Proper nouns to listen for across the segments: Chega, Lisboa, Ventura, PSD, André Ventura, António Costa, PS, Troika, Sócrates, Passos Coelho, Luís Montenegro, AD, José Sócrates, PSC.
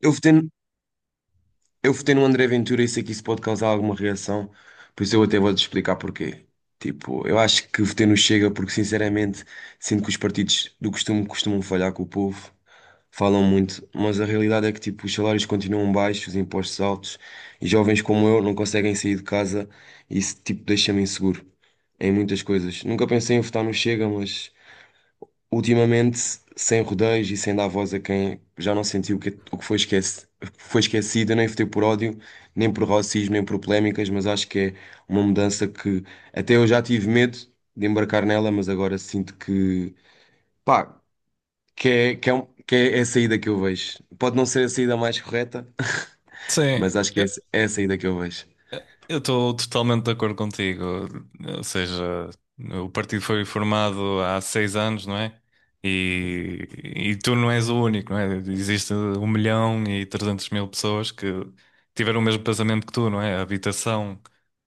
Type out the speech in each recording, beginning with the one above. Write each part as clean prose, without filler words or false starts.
Eu votei, eu votei no André Ventura e sei que isso pode causar alguma reação, por isso eu até vou-te explicar porquê. Tipo, eu acho que votei no Chega porque, sinceramente, sinto que os partidos do costume costumam falhar com o povo, falam muito, mas a realidade é que, tipo, os salários continuam baixos, os impostos altos, e jovens como eu não conseguem sair de casa e isso, tipo, deixa-me inseguro em muitas coisas. Nunca pensei em votar no Chega, mas ultimamente, sem rodeios e sem dar voz a quem já não sentiu o que, é, o que foi esquece, o que foi esquecido, eu nem votei por ódio, nem por racismo, nem por polémicas, mas acho que é uma mudança que até eu já tive medo de embarcar nela, mas agora sinto que, pá, que é a saída que eu vejo. Pode não ser a saída mais correta, Sim. mas acho que é, é a saída que eu vejo. Eu estou totalmente de acordo contigo. Ou seja, o partido foi formado há 6 anos, não é? E tu não és o único, não é? Existe 1.300.000 pessoas que tiveram o mesmo pensamento que tu, não é? A habitação,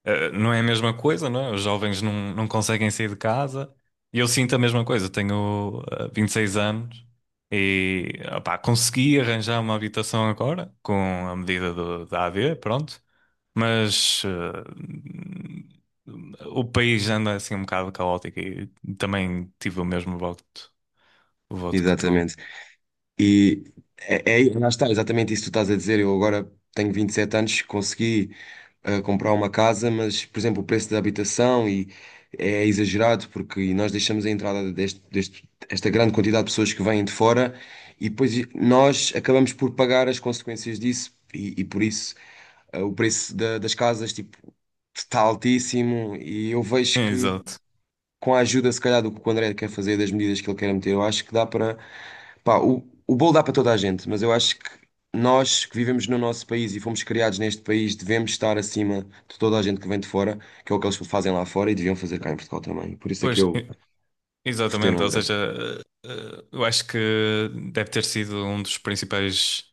não é a mesma coisa, não é? Os jovens não conseguem sair de casa. E eu sinto a mesma coisa. Tenho, 26 anos e, opá, consegui arranjar uma habitação agora com a medida da AD, pronto. Mas o país anda assim um bocado caótico e também tive o mesmo voto, o voto que tu. Exatamente. E lá está, exatamente isso que tu estás a dizer. Eu agora tenho 27 anos, consegui. A comprar uma casa, mas, por exemplo, o preço da habitação e é exagerado porque nós deixamos a entrada esta grande quantidade de pessoas que vêm de fora e depois nós acabamos por pagar as consequências disso e por isso o preço da- das casas tipo, está altíssimo e eu vejo que Exato. com a ajuda, se calhar, do que o André quer fazer, das medidas que ele quer meter, eu acho que dá para. Pá, o bolo dá para toda a gente, mas eu acho que nós que vivemos no nosso país e fomos criados neste país devemos estar acima de toda a gente que vem de fora, que é o que eles fazem lá fora e deviam fazer cá em Portugal também. Por isso é que Pois, eu e- votei no Exatamente. Ou André. seja, eu acho que deve ter sido um dos principais.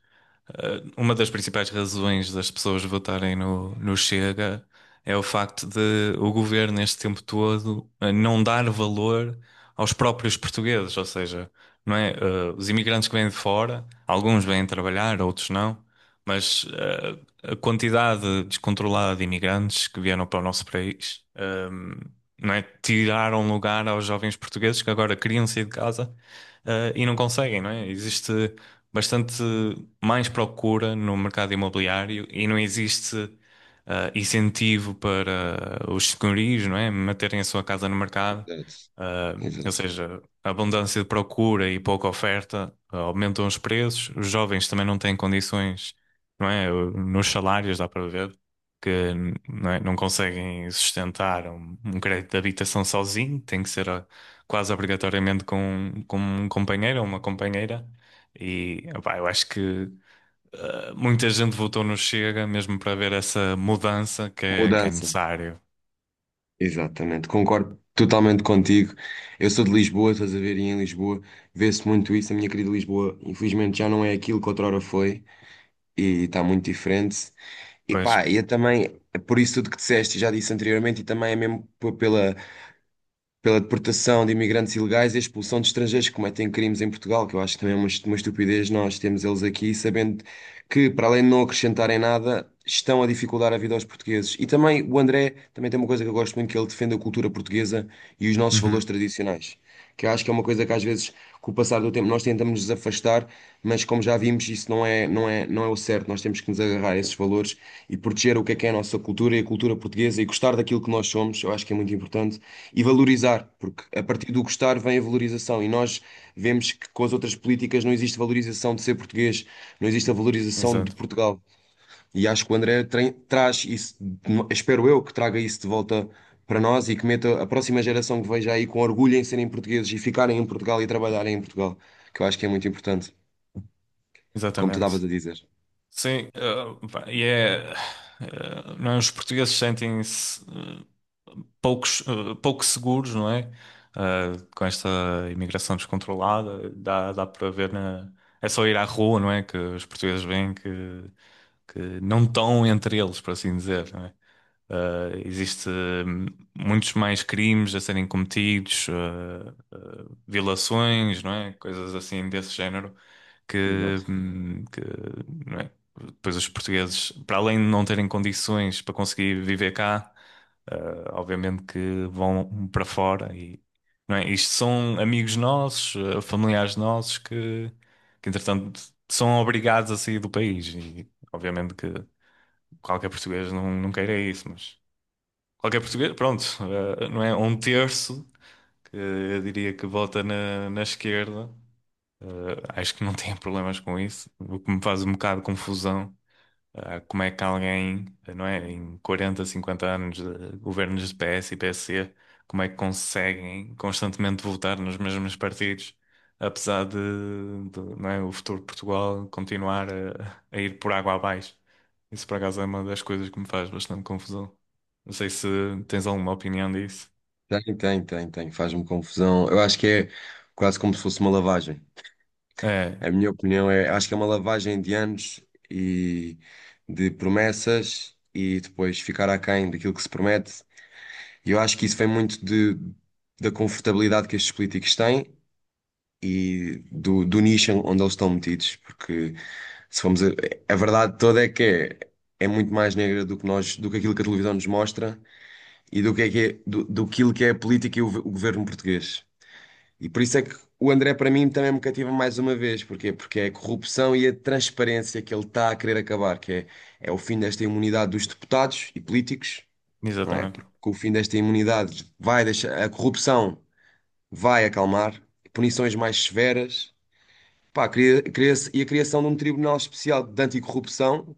Uma das principais razões das pessoas votarem no Chega é o facto de o governo, neste tempo todo, não dar valor aos próprios portugueses, ou seja, não é? Os imigrantes que vêm de fora, alguns vêm trabalhar, outros não, mas a quantidade descontrolada de imigrantes que vieram para o nosso país, não é? Tiraram lugar aos jovens portugueses que agora queriam sair de casa, e não conseguem, não é? Existe bastante mais procura no mercado imobiliário e não existe incentivo para os senhorios, não é? Manterem a sua casa no mercado. Exato, Ah, ou exato. seja, a abundância de procura e pouca oferta aumentam os preços. Os jovens também não têm condições, não é? Nos salários dá para ver que não é? Não conseguem sustentar um crédito de habitação sozinho, tem que ser quase obrigatoriamente com um companheiro ou uma companheira. E opá, eu acho que muita gente votou no Chega mesmo para ver essa mudança que é Mudança. necessário. Exatamente, concordo totalmente contigo. Eu sou de Lisboa, estás a ver, e em Lisboa vê-se muito isso. A minha querida Lisboa, infelizmente, já não é aquilo que outrora foi e está muito diferente. E Pois. pá, eu também, é por isso tudo que disseste, já disse anteriormente, e também é mesmo pela, pela deportação de imigrantes ilegais e a expulsão de estrangeiros que cometem crimes em Portugal, que eu acho que também é uma estupidez nós termos eles aqui, sabendo que, para além de não acrescentarem nada, estão a dificultar a vida aos portugueses. E também o André também tem uma coisa que eu gosto muito, que ele defende a cultura portuguesa e os nossos Uhum. valores tradicionais. Que eu acho que é uma coisa que às vezes, com o passar do tempo, nós tentamos nos afastar, mas como já vimos, não é o certo. Nós temos que nos agarrar a esses valores e proteger o que é a nossa cultura e a cultura portuguesa e gostar daquilo que nós somos. Eu acho que é muito importante. E valorizar, porque a partir do gostar vem a valorização, e nós vemos que com as outras políticas não existe valorização de ser português, não existe a valorização de Exato. Portugal. E acho que o André traz isso, espero eu que traga isso de volta para nós e que meta a próxima geração que veja aí com orgulho em serem portugueses e ficarem em Portugal e trabalharem em Portugal, que eu acho que é muito importante, como tu Exatamente. estavas a dizer. Sim, pá, e é. Não é? Os portugueses sentem-se, poucos, pouco seguros, não é? Com esta imigração descontrolada, dá para ver na. É só ir à rua, não é? Que os portugueses veem que não estão entre eles, por assim dizer, não é? Existe hum, muitos mais crimes a serem cometidos, violações, não é? Coisas assim desse género que, Exato. hum, que, não é? Depois os portugueses, para além de não terem condições para conseguir viver cá, obviamente que vão para fora e não é? Isto são amigos nossos, familiares nossos que entretanto são obrigados a sair do país e obviamente que qualquer português não queira isso, mas qualquer português, pronto, não é? Um terço que eu diria que vota na esquerda. Acho que não tem problemas com isso, o que me faz um bocado de confusão. Como é que alguém, não é? Em 40, 50 anos de governos de PS e PSC, como é que conseguem constantemente votar nos mesmos partidos, apesar de, não é? O futuro de Portugal continuar a ir por água abaixo. Isso, por acaso, é uma das coisas que me faz bastante confusão. Não sei se tens alguma opinião disso. Tem, faz-me confusão. Eu acho que é quase como se fosse uma lavagem. É, A minha opinião é, acho que é uma lavagem de anos e de promessas e depois ficar aquém daquilo que se promete. E eu acho que isso vem muito da confortabilidade que estes políticos têm e do nicho onde eles estão metidos. Porque se formos a verdade toda é que é, é muito mais negra do que nós, do que aquilo que a televisão nos mostra e do que é, do aquilo que é a política e o governo português. E por isso é que o André, para mim, também me cativa mais uma vez. Porquê? Porque é a corrupção e a transparência que ele está a querer acabar, que é, é o fim desta imunidade dos deputados e políticos, não é? exatamente. Porque com o fim desta imunidade vai deixar, a corrupção vai acalmar, punições mais severas, pá, e a criação de um tribunal especial de anticorrupção,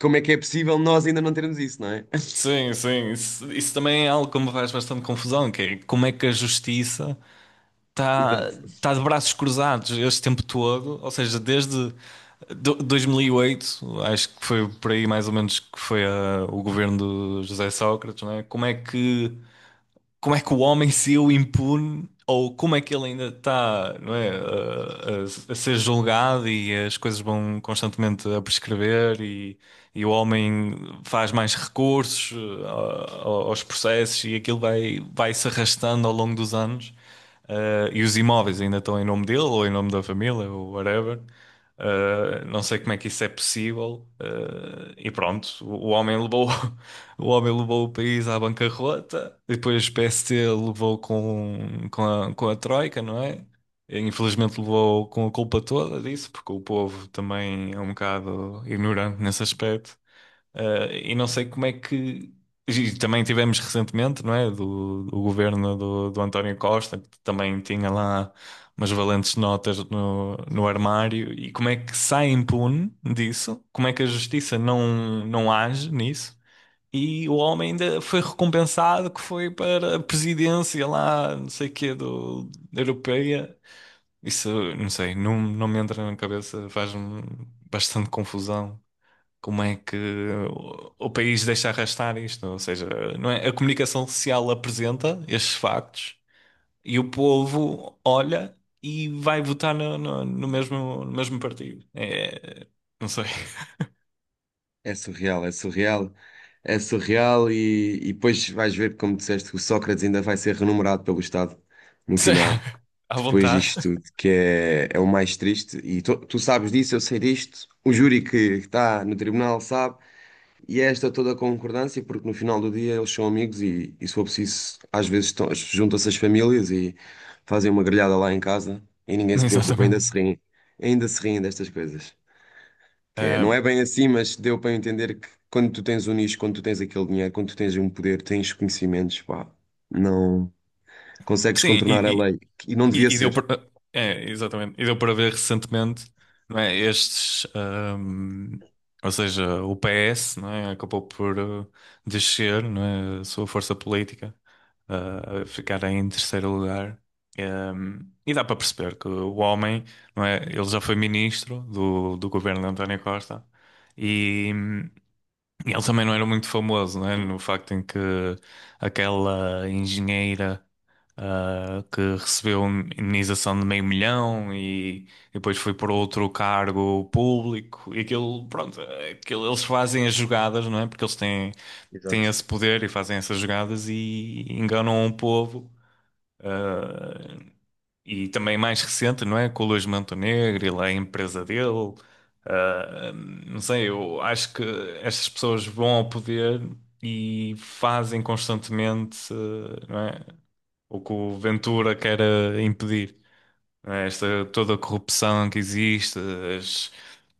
como é que é possível nós ainda não termos isso, não é? Sim, sim, isso também é algo que me faz bastante confusão, que é como é que a justiça está Exato. tá de braços cruzados este tempo todo, ou seja, desde 2008 acho que foi por aí mais ou menos que foi o governo do José Sócrates, não é? Como é que o homem saiu impune ou como é que ele ainda está, não é, a ser julgado e as coisas vão constantemente a prescrever e o homem faz mais recursos, aos processos e aquilo vai se arrastando ao longo dos anos. E os imóveis ainda estão em nome dele ou em nome da família ou whatever. Não sei como é que isso é possível. E pronto, o homem levou o país à bancarrota, depois o PST levou com a Troika, não é? Infelizmente levou com a culpa toda disso, porque o povo também é um bocado ignorante nesse aspecto. E não sei como é que. E também tivemos recentemente, não é? Do governo do António Costa, que também tinha lá umas valentes notas no armário. E como é que sai impune disso? Como é que a justiça não age nisso? E o homem ainda foi recompensado que foi para a presidência lá, não sei o quê, da Europeia. Isso, não sei, não me entra na cabeça, faz-me bastante confusão. Como é que o país deixa arrastar isto? Ou seja, não é? A comunicação social apresenta estes factos e o povo olha e vai votar no mesmo partido. É, não sei. É surreal, é surreal, é surreal e depois vais ver, como disseste, que o Sócrates ainda vai ser renumerado pelo Estado no final, À depois vontade. disto tudo, que é, é o mais triste. E tu, tu sabes disso, eu sei disto, o júri que está no tribunal sabe, e é esta toda a concordância, porque no final do dia eles são amigos e se for preciso, às vezes estão- juntam-se as famílias e fazem uma grelhada lá em casa e ninguém se preocupa, Exatamente. Ainda se riem destas coisas. Que é, não Ah, é bem assim, mas deu para eu entender que quando tu tens um nicho, quando tu tens aquele dinheiro, quando tu tens um poder, tens conhecimentos, pá, não consegues Sim, contornar a e, e, lei. E não devia e- e deu ser. para, é, exatamente, e deu para ver recentemente, não é? Estes, ou seja, o PS, não é? Acabou por descer, não é? A sua força política, a ficar em terceiro lugar. E dá para perceber que o homem, não é? Ele já foi ministro do governo de António Costa e, e ele também não era muito famoso, não é? No facto em que aquela engenheira, que recebeu indenização de meio milhão e depois foi por outro cargo público e aquilo, pronto, eles fazem as jogadas, não é? Porque eles têm Exato. esse poder e fazem essas jogadas e enganam o povo. E também mais recente, não é? Com o Luís Montenegro e lá a empresa dele. Ah, não sei, eu acho que estas pessoas vão ao poder e fazem constantemente, não é? O que o Ventura quer impedir. Né? Esta, toda a corrupção que existe, as-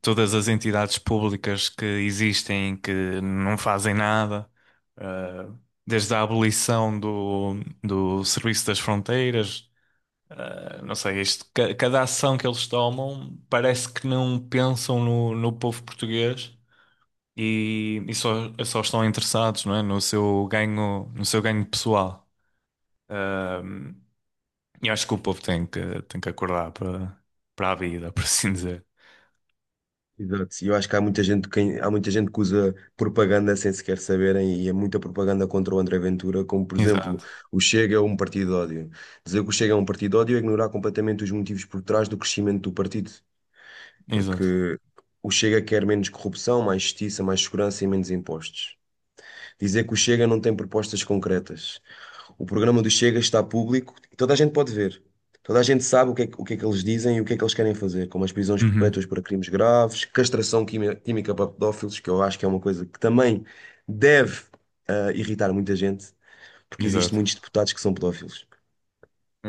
todas as entidades públicas que existem que não fazem nada, eh, desde a abolição do Serviço das Fronteiras, não sei, isto, cada ação que eles tomam parece que não pensam no povo português e só estão interessados, não é, no seu ganho pessoal. Ehm, eu acho que o povo tem que acordar para a vida, por assim dizer. Exato. E eu acho que há muita gente que, há muita gente que usa propaganda sem sequer saberem, e é muita propaganda contra o André Ventura, como por exemplo, Exato, o Chega é um partido de ódio. Dizer que o Chega é um partido de ódio é ignorar completamente os motivos por trás do crescimento do partido, exato. porque o Chega quer menos corrupção, mais justiça, mais segurança e menos impostos. Dizer que o Chega não tem propostas concretas. O programa do Chega está público e toda a gente pode ver. Toda a gente sabe o que é que eles dizem e o que é que eles querem fazer, como as prisões Uhum. perpétuas para crimes graves, castração química para pedófilos, que eu acho que é uma coisa que também deve irritar muita gente, porque existem Exato, muitos deputados que são pedófilos.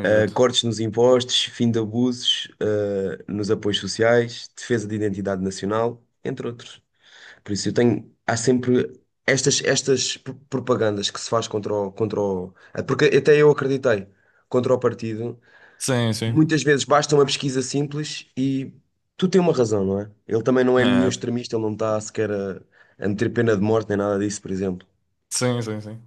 Cortes nos impostos, fim de abusos, nos apoios sociais, defesa de identidade nacional, entre outros. Por isso eu tenho, há sempre estas, propagandas que se faz porque até eu acreditei, contra o partido, Sim, sim. muitas vezes basta uma pesquisa simples e tu tens uma razão, não é? Ele também não é nenhum É, extremista, ele não está sequer a meter pena de morte nem nada disso, por exemplo. sim, sim, sim.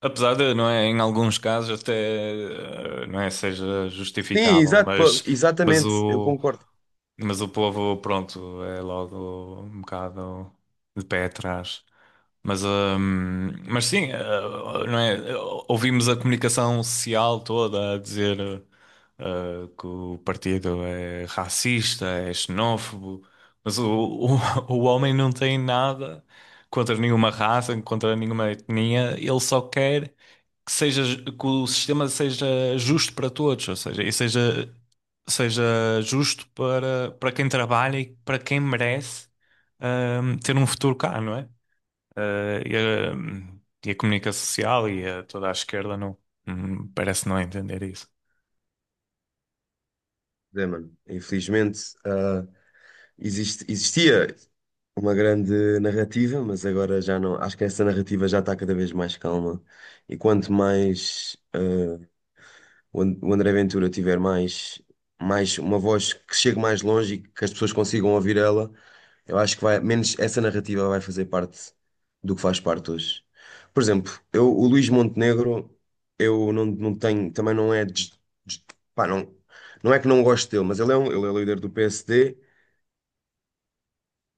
Apesar de, não é, em alguns casos até, não é, seja Sim, justificável, exato, pô, mas exatamente, eu o, concordo. mas o povo, pronto, é logo um bocado de pé atrás. Mas sim, não é? Ouvimos a comunicação social toda a dizer, que o partido é racista, é xenófobo, mas o homem não tem nada contra nenhuma raça, contra nenhuma etnia, ele só quer que o sistema seja justo para todos, ou seja, e seja justo para quem trabalha e para quem merece, ter um futuro cá, não é? Eh, e, e a comunicação social toda a esquerda não, parece não entender isso. É, mano, infelizmente, existia uma grande narrativa, mas agora já não. Acho que essa narrativa já está cada vez mais calma. E quanto mais o André Ventura tiver mais, mais uma voz que chegue mais longe e que as pessoas consigam ouvir ela, eu acho que vai, menos essa narrativa vai fazer parte do que faz parte hoje. Por exemplo, eu, o Luís Montenegro, eu não, não tenho, também não é. Des- pá, não, não é que não gosto dele, mas ele é líder do PSD.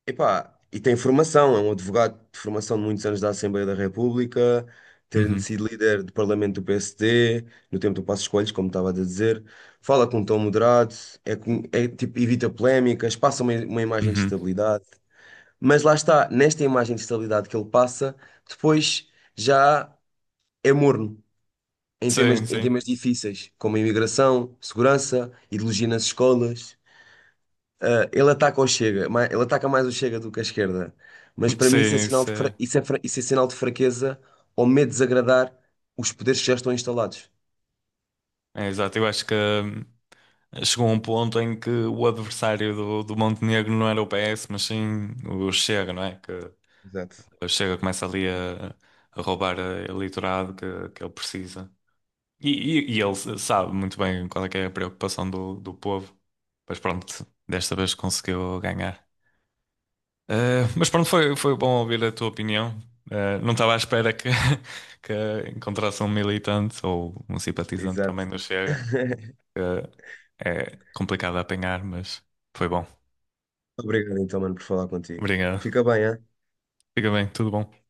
Epá, e tem formação, é um advogado de formação de muitos anos da Assembleia da República, tendo Uhum, sido líder do Parlamento do PSD, no tempo do Passos Coelho, como estava a dizer, fala com um tom moderado, é, tipo, evita polémicas, uma imagem de uhum. estabilidade. Mas lá está, nesta imagem de estabilidade que ele passa, depois já é morno Sim, em temas sim. difíceis, como a imigração, segurança, ideologia nas escolas. Ele ataca mais o Chega do que a esquerda. Mas para mim isso é Sim, sinal de, sim. Isso é sinal de fraqueza ou medo de desagradar os poderes que já estão instalados. É exato. Eu acho que, chegou um ponto em que o adversário do Montenegro não era o PS, mas sim o Chega, não é? Que Exato, o Chega começa ali a roubar a eleitorado que ele precisa. E, e ele sabe muito bem qual é que é a preocupação do povo. Mas pronto, desta vez conseguiu ganhar. Mas pronto, foi bom ouvir a tua opinião. Não estava à espera que, que encontrasse um militante ou um simpatizante exato. também do Chega, que é complicado de apanhar, mas foi bom. Obrigado então, mano, por falar contigo. Obrigado. Fica bem, hein? Fica bem, tudo bom.